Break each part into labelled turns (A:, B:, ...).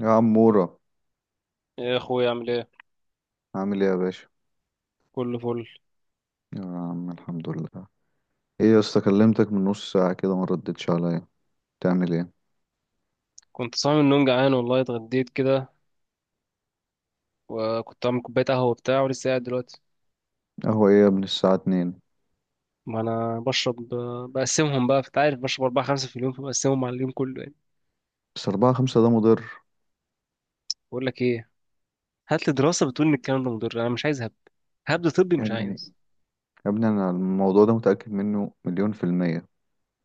A: يا عمورة.
B: يا اخويا عامل ايه؟
A: عامل ايه يا باشا؟
B: كله فل.
A: يا عم الحمد لله. ايه يا اسطى، كلمتك من نص ساعة كده ما ردتش عليا، تعمل ايه؟
B: كنت صايم من النوم جعان والله، اتغديت كده وكنت عامل كوبايه قهوه وبتاع، ولسه قاعد دلوقتي.
A: قهوة ايه يا ابني الساعة 2؟
B: ما انا بشرب. بقسمهم بقى، انت عارف بشرب اربعه خمسه في اليوم فبقسمهم على اليوم كله يعني.
A: بس اربعة خمسة ده مضر.
B: بقول لك ايه، هات لي دراسه بتقول ان الكلام ده مضر، انا مش عايز هبد. هبد طبي
A: يا
B: مش
A: ابني،
B: عايز.
A: يا ابني انا الموضوع ده متأكد منه مليون في المية.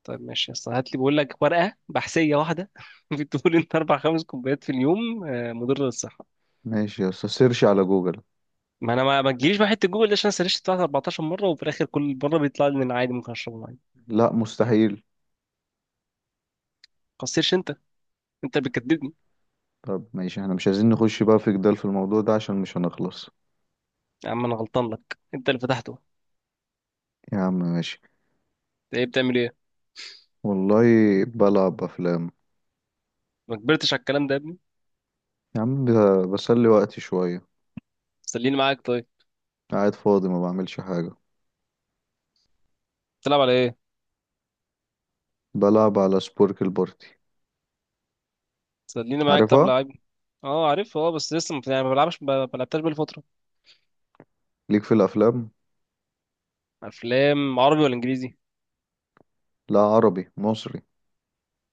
B: طيب ماشي يا اسطى، هات لي بقول لك ورقه بحثيه واحده بتقول ان اربع خمس كوبايات في اليوم مضره للصحه.
A: ماشي يا اسطى، سيرش على جوجل.
B: ما انا، ما تجيليش بقى حته جوجل دي، عشان أنا سرشت بتاعت 14 مره وفي الاخر كل مره بيطلع لي ان أنا عادي، ممكن اشربه عادي. ما
A: لا مستحيل.
B: تقصرش انت، انت اللي بتكدبني.
A: طب ماشي، احنا مش عايزين نخش بقى في جدال في الموضوع ده عشان مش هنخلص.
B: يا عم انا غلطان لك، انت اللي فتحته.
A: يا عم ماشي.
B: انت ايه بتعمل ايه؟
A: والله بلعب افلام.
B: ما كبرتش على الكلام ده يا ابني.
A: يا عم بسلي وقتي شوية.
B: سليني معاك طيب.
A: قاعد فاضي ما بعملش حاجة.
B: تلعب على ايه؟
A: بلعب على سبورك البارتي.
B: سليني معاك طب
A: عارفها.
B: لعيب. اه عارف اه، بس لسه، ما يعني ما بلعبش، ما لعبتهاش بقالي فتره.
A: ليك في الافلام؟
B: افلام عربي ولا انجليزي؟
A: لا، عربي مصري.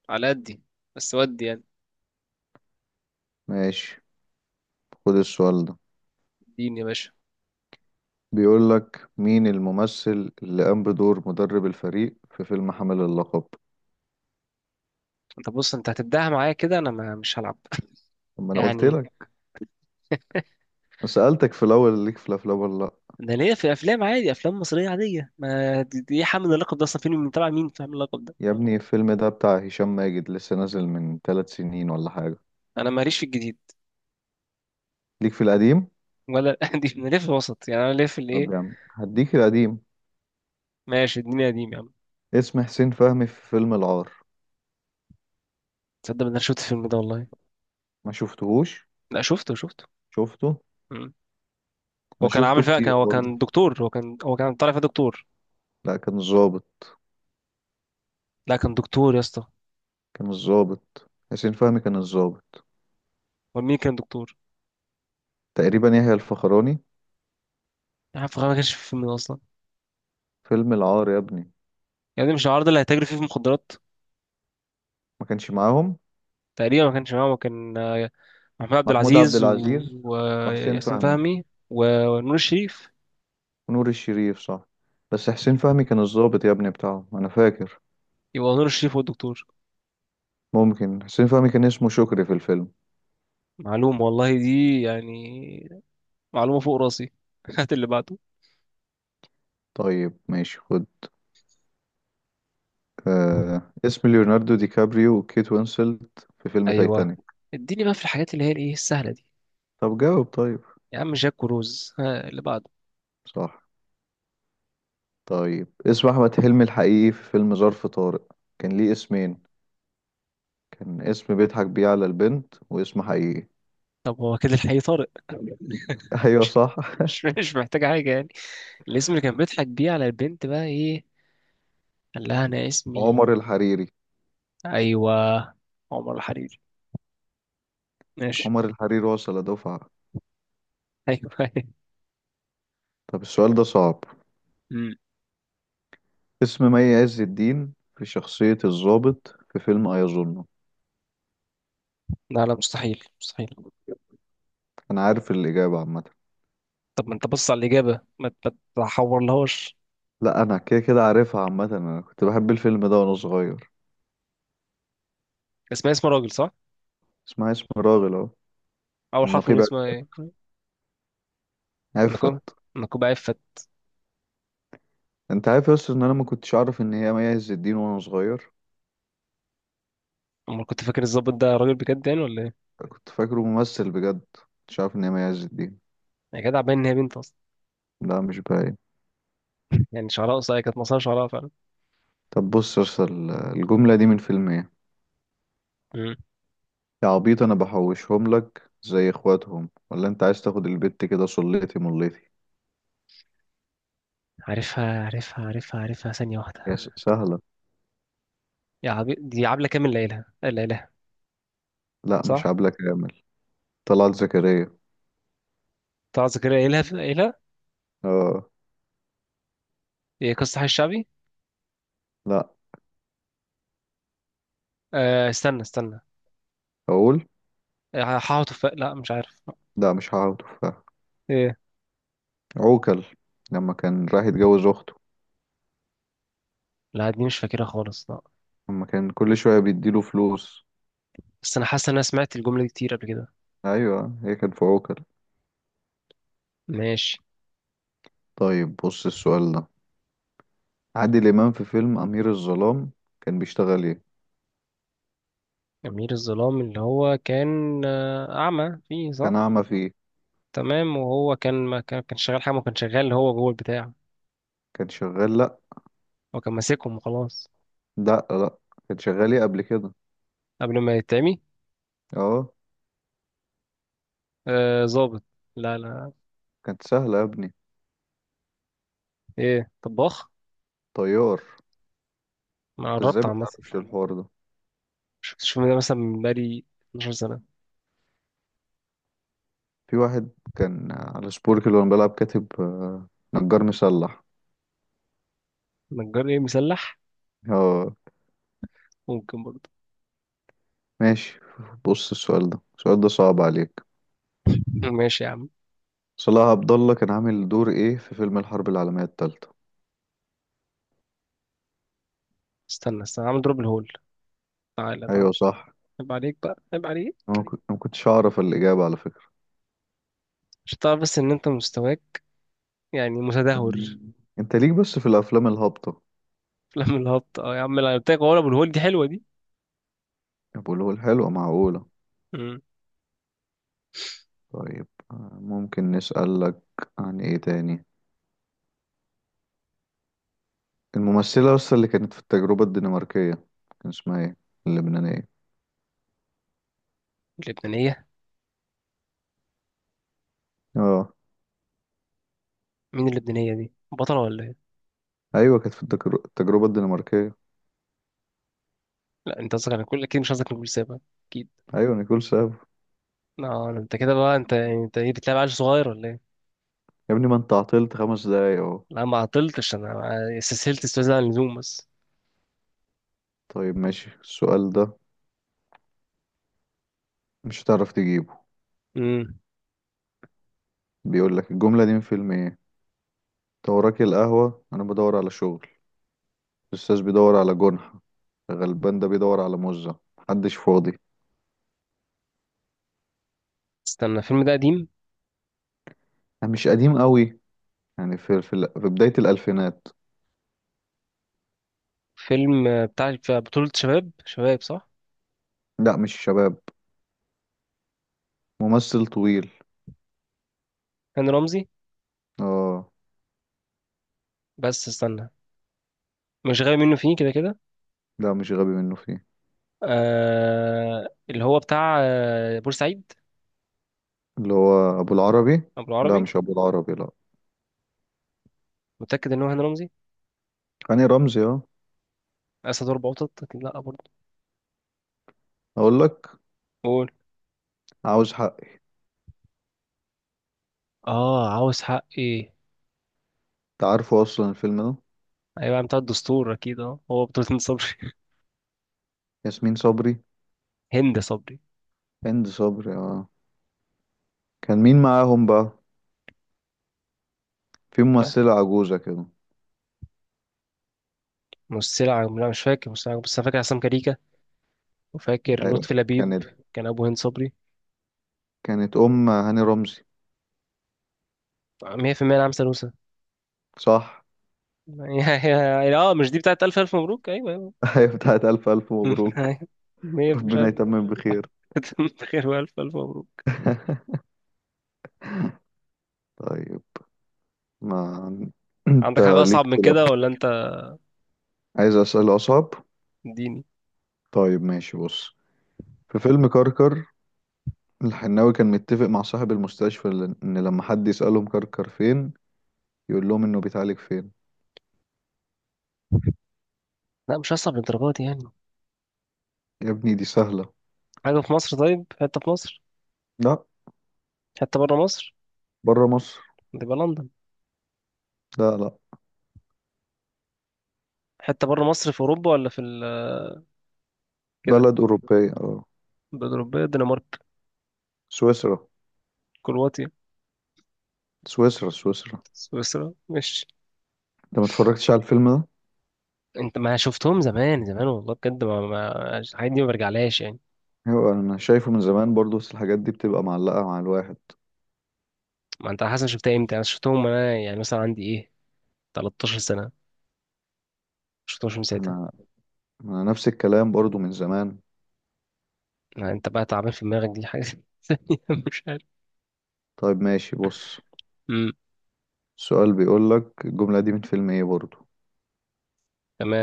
B: على قدي. بس ودي يعني.
A: ماشي، خد السؤال ده،
B: اديني يا باشا.
A: بيقول لك مين الممثل اللي قام بدور مدرب الفريق في فيلم حامل اللقب؟
B: انت بص، انت هتبداها معايا كده، انا ما مش هلعب.
A: طب ما انا قلت
B: يعني.
A: لك، سألتك في الاول ليك في الافلام ولا لا؟
B: انا ليا في افلام عادي، افلام مصريه عاديه، ما دي ايه، حامل اللقب ده اصلا فيلم من تبع مين؟ فاهم اللقب ده.
A: يا ابني الفيلم ده بتاع هشام ماجد، لسه نازل من 3 سنين ولا حاجة.
B: انا ماليش في الجديد.
A: ليك في القديم؟
B: ولا دي، انا ليا في الوسط يعني، انا ليا في الايه.
A: طب يا عم هديك القديم،
B: ماشي، الدنيا قديم يا عم.
A: اسم حسين فهمي في فيلم العار؟
B: تصدق ان انا شفت الفيلم ده والله.
A: ما شفتهوش؟
B: لا شفته شفته.
A: شفته.
B: مم. هو
A: انا
B: كان عامل
A: شفته
B: فيها،
A: كتير
B: كان، هو
A: برضه.
B: كان دكتور، هو كان طالع فيها دكتور.
A: لا كان الظابط.
B: لا كان دكتور يا اسطى.
A: كان الظابط، حسين فهمي كان الظابط.
B: هو مين كان دكتور؟
A: تقريبا يحيى الفخراني.
B: انا عارف ما كانش في الفيلم ده اصلا.
A: فيلم العار يا ابني.
B: يعني مش العرض اللي هيتاجر فيه في المخدرات.
A: ما كانش معاهم.
B: تقريبا ما كانش معاهم، كان، محمود عبد
A: محمود عبد
B: العزيز
A: العزيز وحسين
B: وياسمين
A: فهمي
B: فهمي. ونور الشريف.
A: ونور الشريف، صح. بس حسين فهمي كان الضابط يا ابني بتاعهم، انا فاكر.
B: يبقى نور الشريف هو الدكتور.
A: ممكن حسين فهمي كان اسمه شكري في الفيلم.
B: معلومة والله دي يعني. معلومة فوق راسي. هات اللي بعده.
A: طيب ماشي خد، اسم ليوناردو دي كابريو وكيت وينسلت في فيلم
B: ايوه.
A: تايتانيك؟
B: اديني بقى في الحاجات اللي هي الايه، السهلة دي.
A: طب جاوب طيب.
B: يا عم جاك وروز، ها اللي بعده.
A: صح. طيب، اسم احمد حلمي الحقيقي في فيلم ظرف طارق؟ كان ليه اسمين، كان اسم بيضحك بيه على البنت واسم حقيقي.
B: طب هو كده الحقيقي طارق.
A: ايوه صح.
B: مش محتاجة حاجة يعني. الاسم اللي كان بيضحك بيه على البنت بقى ايه؟ قال لها انا اسمي.
A: عمر الحريري.
B: ايوه، عمر الحريري. ماشي.
A: عمر الحريري وصل دفعة.
B: ايوه.
A: طب السؤال ده صعب.
B: أمم.
A: اسم مي عز الدين في شخصية الضابط في فيلم أيظنه؟
B: لا لا، مستحيل مستحيل.
A: أنا عارف الإجابة عامة.
B: طب ما انت بص على الاجابه، ما ما تحورلهاش.
A: لا أنا كده كده عارفها عامة، أنا كنت بحب الفيلم ده وأنا صغير.
B: اسمها اسم راجل صح؟
A: اسمها اسم راغل أهو.
B: اول حرف من
A: النقيب.
B: اسمها ايه؟ نكو
A: عفت.
B: نكوب عفت.
A: أنت عارف يا أسطى إن أنا ما كنتش أعرف إن هي مي عز الدين وأنا صغير؟
B: امال كنت فاكر الظابط ده راجل بجد يعني ولا ايه؟
A: كنت فاكره ممثل بجد، كنتش عارف إن هي مي عز الدين.
B: يا جدع، باين ان هي بنت اصلا.
A: لا مش باين.
B: يعني شعرها قصير، كانت مصارها شعرها فعلا.
A: طب بص يا أسطى، الجملة دي من فيلم إيه؟
B: أمم.
A: يا عبيط انا بحوشهم لك زي اخواتهم ولا انت عايز تاخد البت كده صليتي مليتي.
B: عارفها عارفها عارفها عارفها، ثانيه واحده.
A: يا سهلة.
B: دي عبله كامل، ليلها ليلى.
A: لا مش
B: صح.
A: عبلة كامل. طلعت زكريا.
B: طه زكريا، ايه لها ايه لها.
A: اه.
B: ايه، قصة حي الشعبي؟
A: لا.
B: آه استنى استنى.
A: اقول.
B: لا مش عارف.
A: لا مش هقعد تفاح.
B: ايه.
A: عوكل. لما كان راح يتجوز اخته.
B: لا دي مش فاكرها خالص لا.
A: لما كان كل شوية بيديله فلوس.
B: بس انا حاسس ان انا سمعت الجملة دي كتير قبل كده.
A: ايوه هي كانت في عوكل.
B: ماشي.
A: طيب بص السؤال ده، عادل امام في فيلم امير الظلام كان بيشتغل ايه؟
B: أمير الظلام، اللي هو كان أعمى فيه
A: كان
B: صح؟
A: اعمى فيه.
B: تمام، وهو كان، ما كان شغال حاجة، ما كان شغال اللي هو جوه البتاع.
A: كان شغال. لا
B: هو كان ماسكهم وخلاص.
A: لا. لا كان شغال ايه قبل كده؟
B: قبل ما يتعمي.
A: اه.
B: آه ظابط. لا لا.
A: كانت سهلة يا ابني.
B: ايه طباخ.
A: طيار.
B: ما
A: انت ازاي
B: قربت
A: ما
B: عامة.
A: تعرفش الحوار ده؟
B: شفتش الفيلم ده مثلا من بقالي 12 سنة.
A: في واحد كان على سبورك اللي وانا بلعب كاتب نجار مسلح.
B: نجار ايه مسلح؟
A: اه.
B: ممكن برضه.
A: ماشي، بص السؤال ده، السؤال ده صعب عليك.
B: ماشي يا عم.
A: صلاح عبد الله كان عامل دور ايه في فيلم الحرب العالمية التالتة؟
B: استنى استنى، عم دروب الهول. تعالى تعالى.
A: ايوه صح.
B: عيب عليك بقى، عيب عليك.
A: انا ما كنت- أنا ما كنتش اعرف الاجابة على فكرة.
B: مش تعرف، بس ان انت مستواك يعني متدهور.
A: يعني انت ليك بس في الافلام الهابطة.
B: في لم الهبط اه يا عم، انا قلت لك. هو ابو الهول دي حلوه دي.
A: طب واللي هو الحلوة معقولة.
B: امم
A: طيب ممكن نسألك عن ايه تاني، الممثلة اصلا اللي كانت في التجربة الدنماركية كان اسمها ايه؟ اللبنانية.
B: اللبنانيه.
A: اه.
B: مين اللبنانيه دي، بطله ولا ايه؟
A: ايوه كانت في التجربه الدنماركيه.
B: لا انت قصدك على كل، اكيد مش قصدك على كل سابا. اكيد.
A: ايوه نيكول ساب.
B: اه انت كده بقى، انت يعني، انت ايه، بتلعب عيل صغير ولا ايه؟
A: يا ابني ما انت عطلت 5 دقايق اهو.
B: لا ما عطلتش انا. استسهلت استاذ عن اللزوم بس.
A: طيب ماشي السؤال ده مش هتعرف تجيبه.
B: امم
A: بيقول لك الجمله دي من فيلم ايه؟ انت وراك القهوه انا بدور على شغل، الاستاذ بيدور على جنحه، غلبان ده بيدور على مزه، محدش فاضي.
B: استنى، الفيلم ده قديم.
A: أنا مش قديم قوي، يعني في في بدايه الالفينات.
B: فيلم بتاع بطوله شباب، شباب صح؟
A: لا مش شباب. ممثل طويل.
B: هاني رمزي.
A: اه.
B: بس استنى. مش غايب منه فيه كده كده.
A: لا مش غبي منه فيه.
B: آه اللي هو بتاع بورسعيد.
A: اللي هو ابو العربي.
B: أبو
A: لا
B: العربي.
A: مش ابو العربي، لا.
B: متأكد إن هو هاني رمزي.
A: هاني رمزي اه.
B: أسد وأربع قطط أكيد، لأ برضه.
A: اقول لك.
B: قول.
A: عاوز حق.
B: آه، عاوز حق إيه؟
A: انت عارفه اصلا الفيلم ده.
B: أيوة بتاع الدستور أكيد، هو بطولة هند صبري.
A: ياسمين صبري.
B: هند صبري.
A: هند صبري اه. كان مين معاهم بقى؟ في
B: آه،
A: ممثلة عجوزة كده.
B: لا مش فاكر، بس أنا فاكر عصام كاريكا. وفاكر
A: ايوه
B: لطفي لبيب.
A: كانت
B: كان أبو هند صبري.
A: كانت ام هاني رمزي.
B: 100% نعم سلوسة.
A: صح.
B: اه، مش دي بتاعت ألف ألف مبروك؟ أيوة أيوة.
A: ايوه بتاعت الف الف مبروك.
B: أيوة. مش
A: ربنا
B: عارف.
A: يتمم بخير.
B: خير وألف ألف مبروك.
A: طيب، ما انت
B: عندك حاجة أصعب
A: ليك
B: من
A: في الأفلام
B: كده
A: قبل
B: ولا
A: كده.
B: أنت؟
A: عايز اسأل اصعب.
B: اديني.
A: طيب ماشي بص، في فيلم كركر الحناوي كان متفق مع صاحب المستشفى ان لما حد يسألهم كركر فين يقول لهم انه بيتعالج فين.
B: لا مش هصعب للدرجه دي يعني.
A: يا ابني دي سهلة.
B: حاجة في مصر، طيب. حتة في مصر؟
A: لا.
B: حتة بره مصر.
A: بره مصر.
B: تبقى لندن.
A: لا لا.
B: حتة بره مصر في أوروبا ولا كده.
A: بلد أوروبية اه.
B: البلاد الأوروبية، الدنمارك.
A: سويسرا.
B: كرواتيا.
A: سويسرا، سويسرا.
B: سويسرا مش.
A: انت ما اتفرجتش على الفيلم ده؟
B: انت ما شفتهم زمان زمان والله بجد، ما, ما... الحاجات دي ما برجعلهاش يعني.
A: ايوه انا شايفه من زمان برضو، بس الحاجات دي بتبقى معلقة مع الواحد.
B: ما انت حسن شفتها امتى، انا شفتهم وانا يعني مثلا عندي ايه، 13 سنة. شفتهمش من ساعتها.
A: انا، نفس الكلام برضو من زمان.
B: ما انت بقى تعبان في دماغك، دي حاجة. ثانية. مش عارف.
A: طيب ماشي بص،
B: امم
A: السؤال بيقول لك الجملة دي من فيلم ايه برضو؟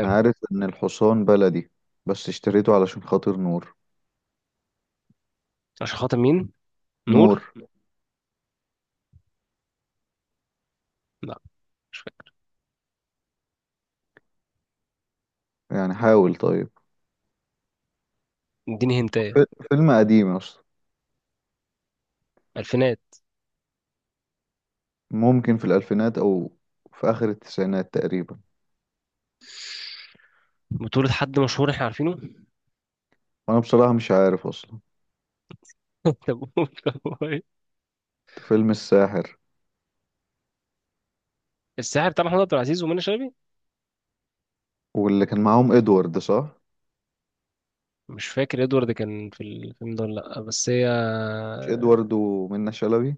A: انا عارف ان الحصان بلدي بس اشتريته علشان خاطر نور.
B: عشان خاطر مين؟ نور.
A: نور.
B: لا. مش فاكر.
A: يعني حاول طيب.
B: اديني هنتايه.
A: فيلم قديم اصلا.
B: الفينات.
A: ممكن في الالفينات او في اخر التسعينات تقريبا.
B: بطولة حد مشهور احنا عارفينه.
A: وانا بصراحة مش عارف اصلا.
B: طب هو ايه؟
A: فيلم الساحر.
B: الساحر بتاع محمود عبد العزيز ومنى شلبي.
A: واللي كان معاهم ادوارد، صح؟
B: مش فاكر ادوارد كان في الفيلم ده ولا لا، بس هي.
A: مش ادوارد ومنة شلبي.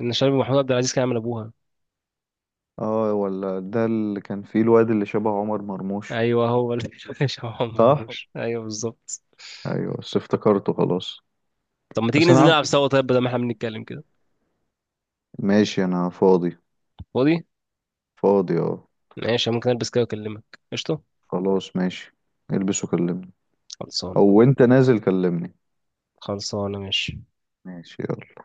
B: منى شلبي ومحمود عبد العزيز كان عامل ابوها.
A: اه، ولا ده اللي كان فيه الواد اللي شبه عمر مرموش.
B: ايوه هو اللي. هو
A: صح.
B: مرموش، ايوه بالظبط.
A: ايوه بس افتكرته خلاص.
B: طب ما تيجي
A: بس انا
B: ننزل
A: عم...
B: نلعب سوا طيب، بدل ما احنا بنتكلم كده.
A: ماشي انا فاضي.
B: فاضي.
A: فاضي اه.
B: ماشي، ممكن البس كده واكلمك. قشطه.
A: خلاص ماشي، البس وكلمني.
B: خلصان.
A: او انت نازل كلمني.
B: خلصانه ماشي.
A: ماشي يلا.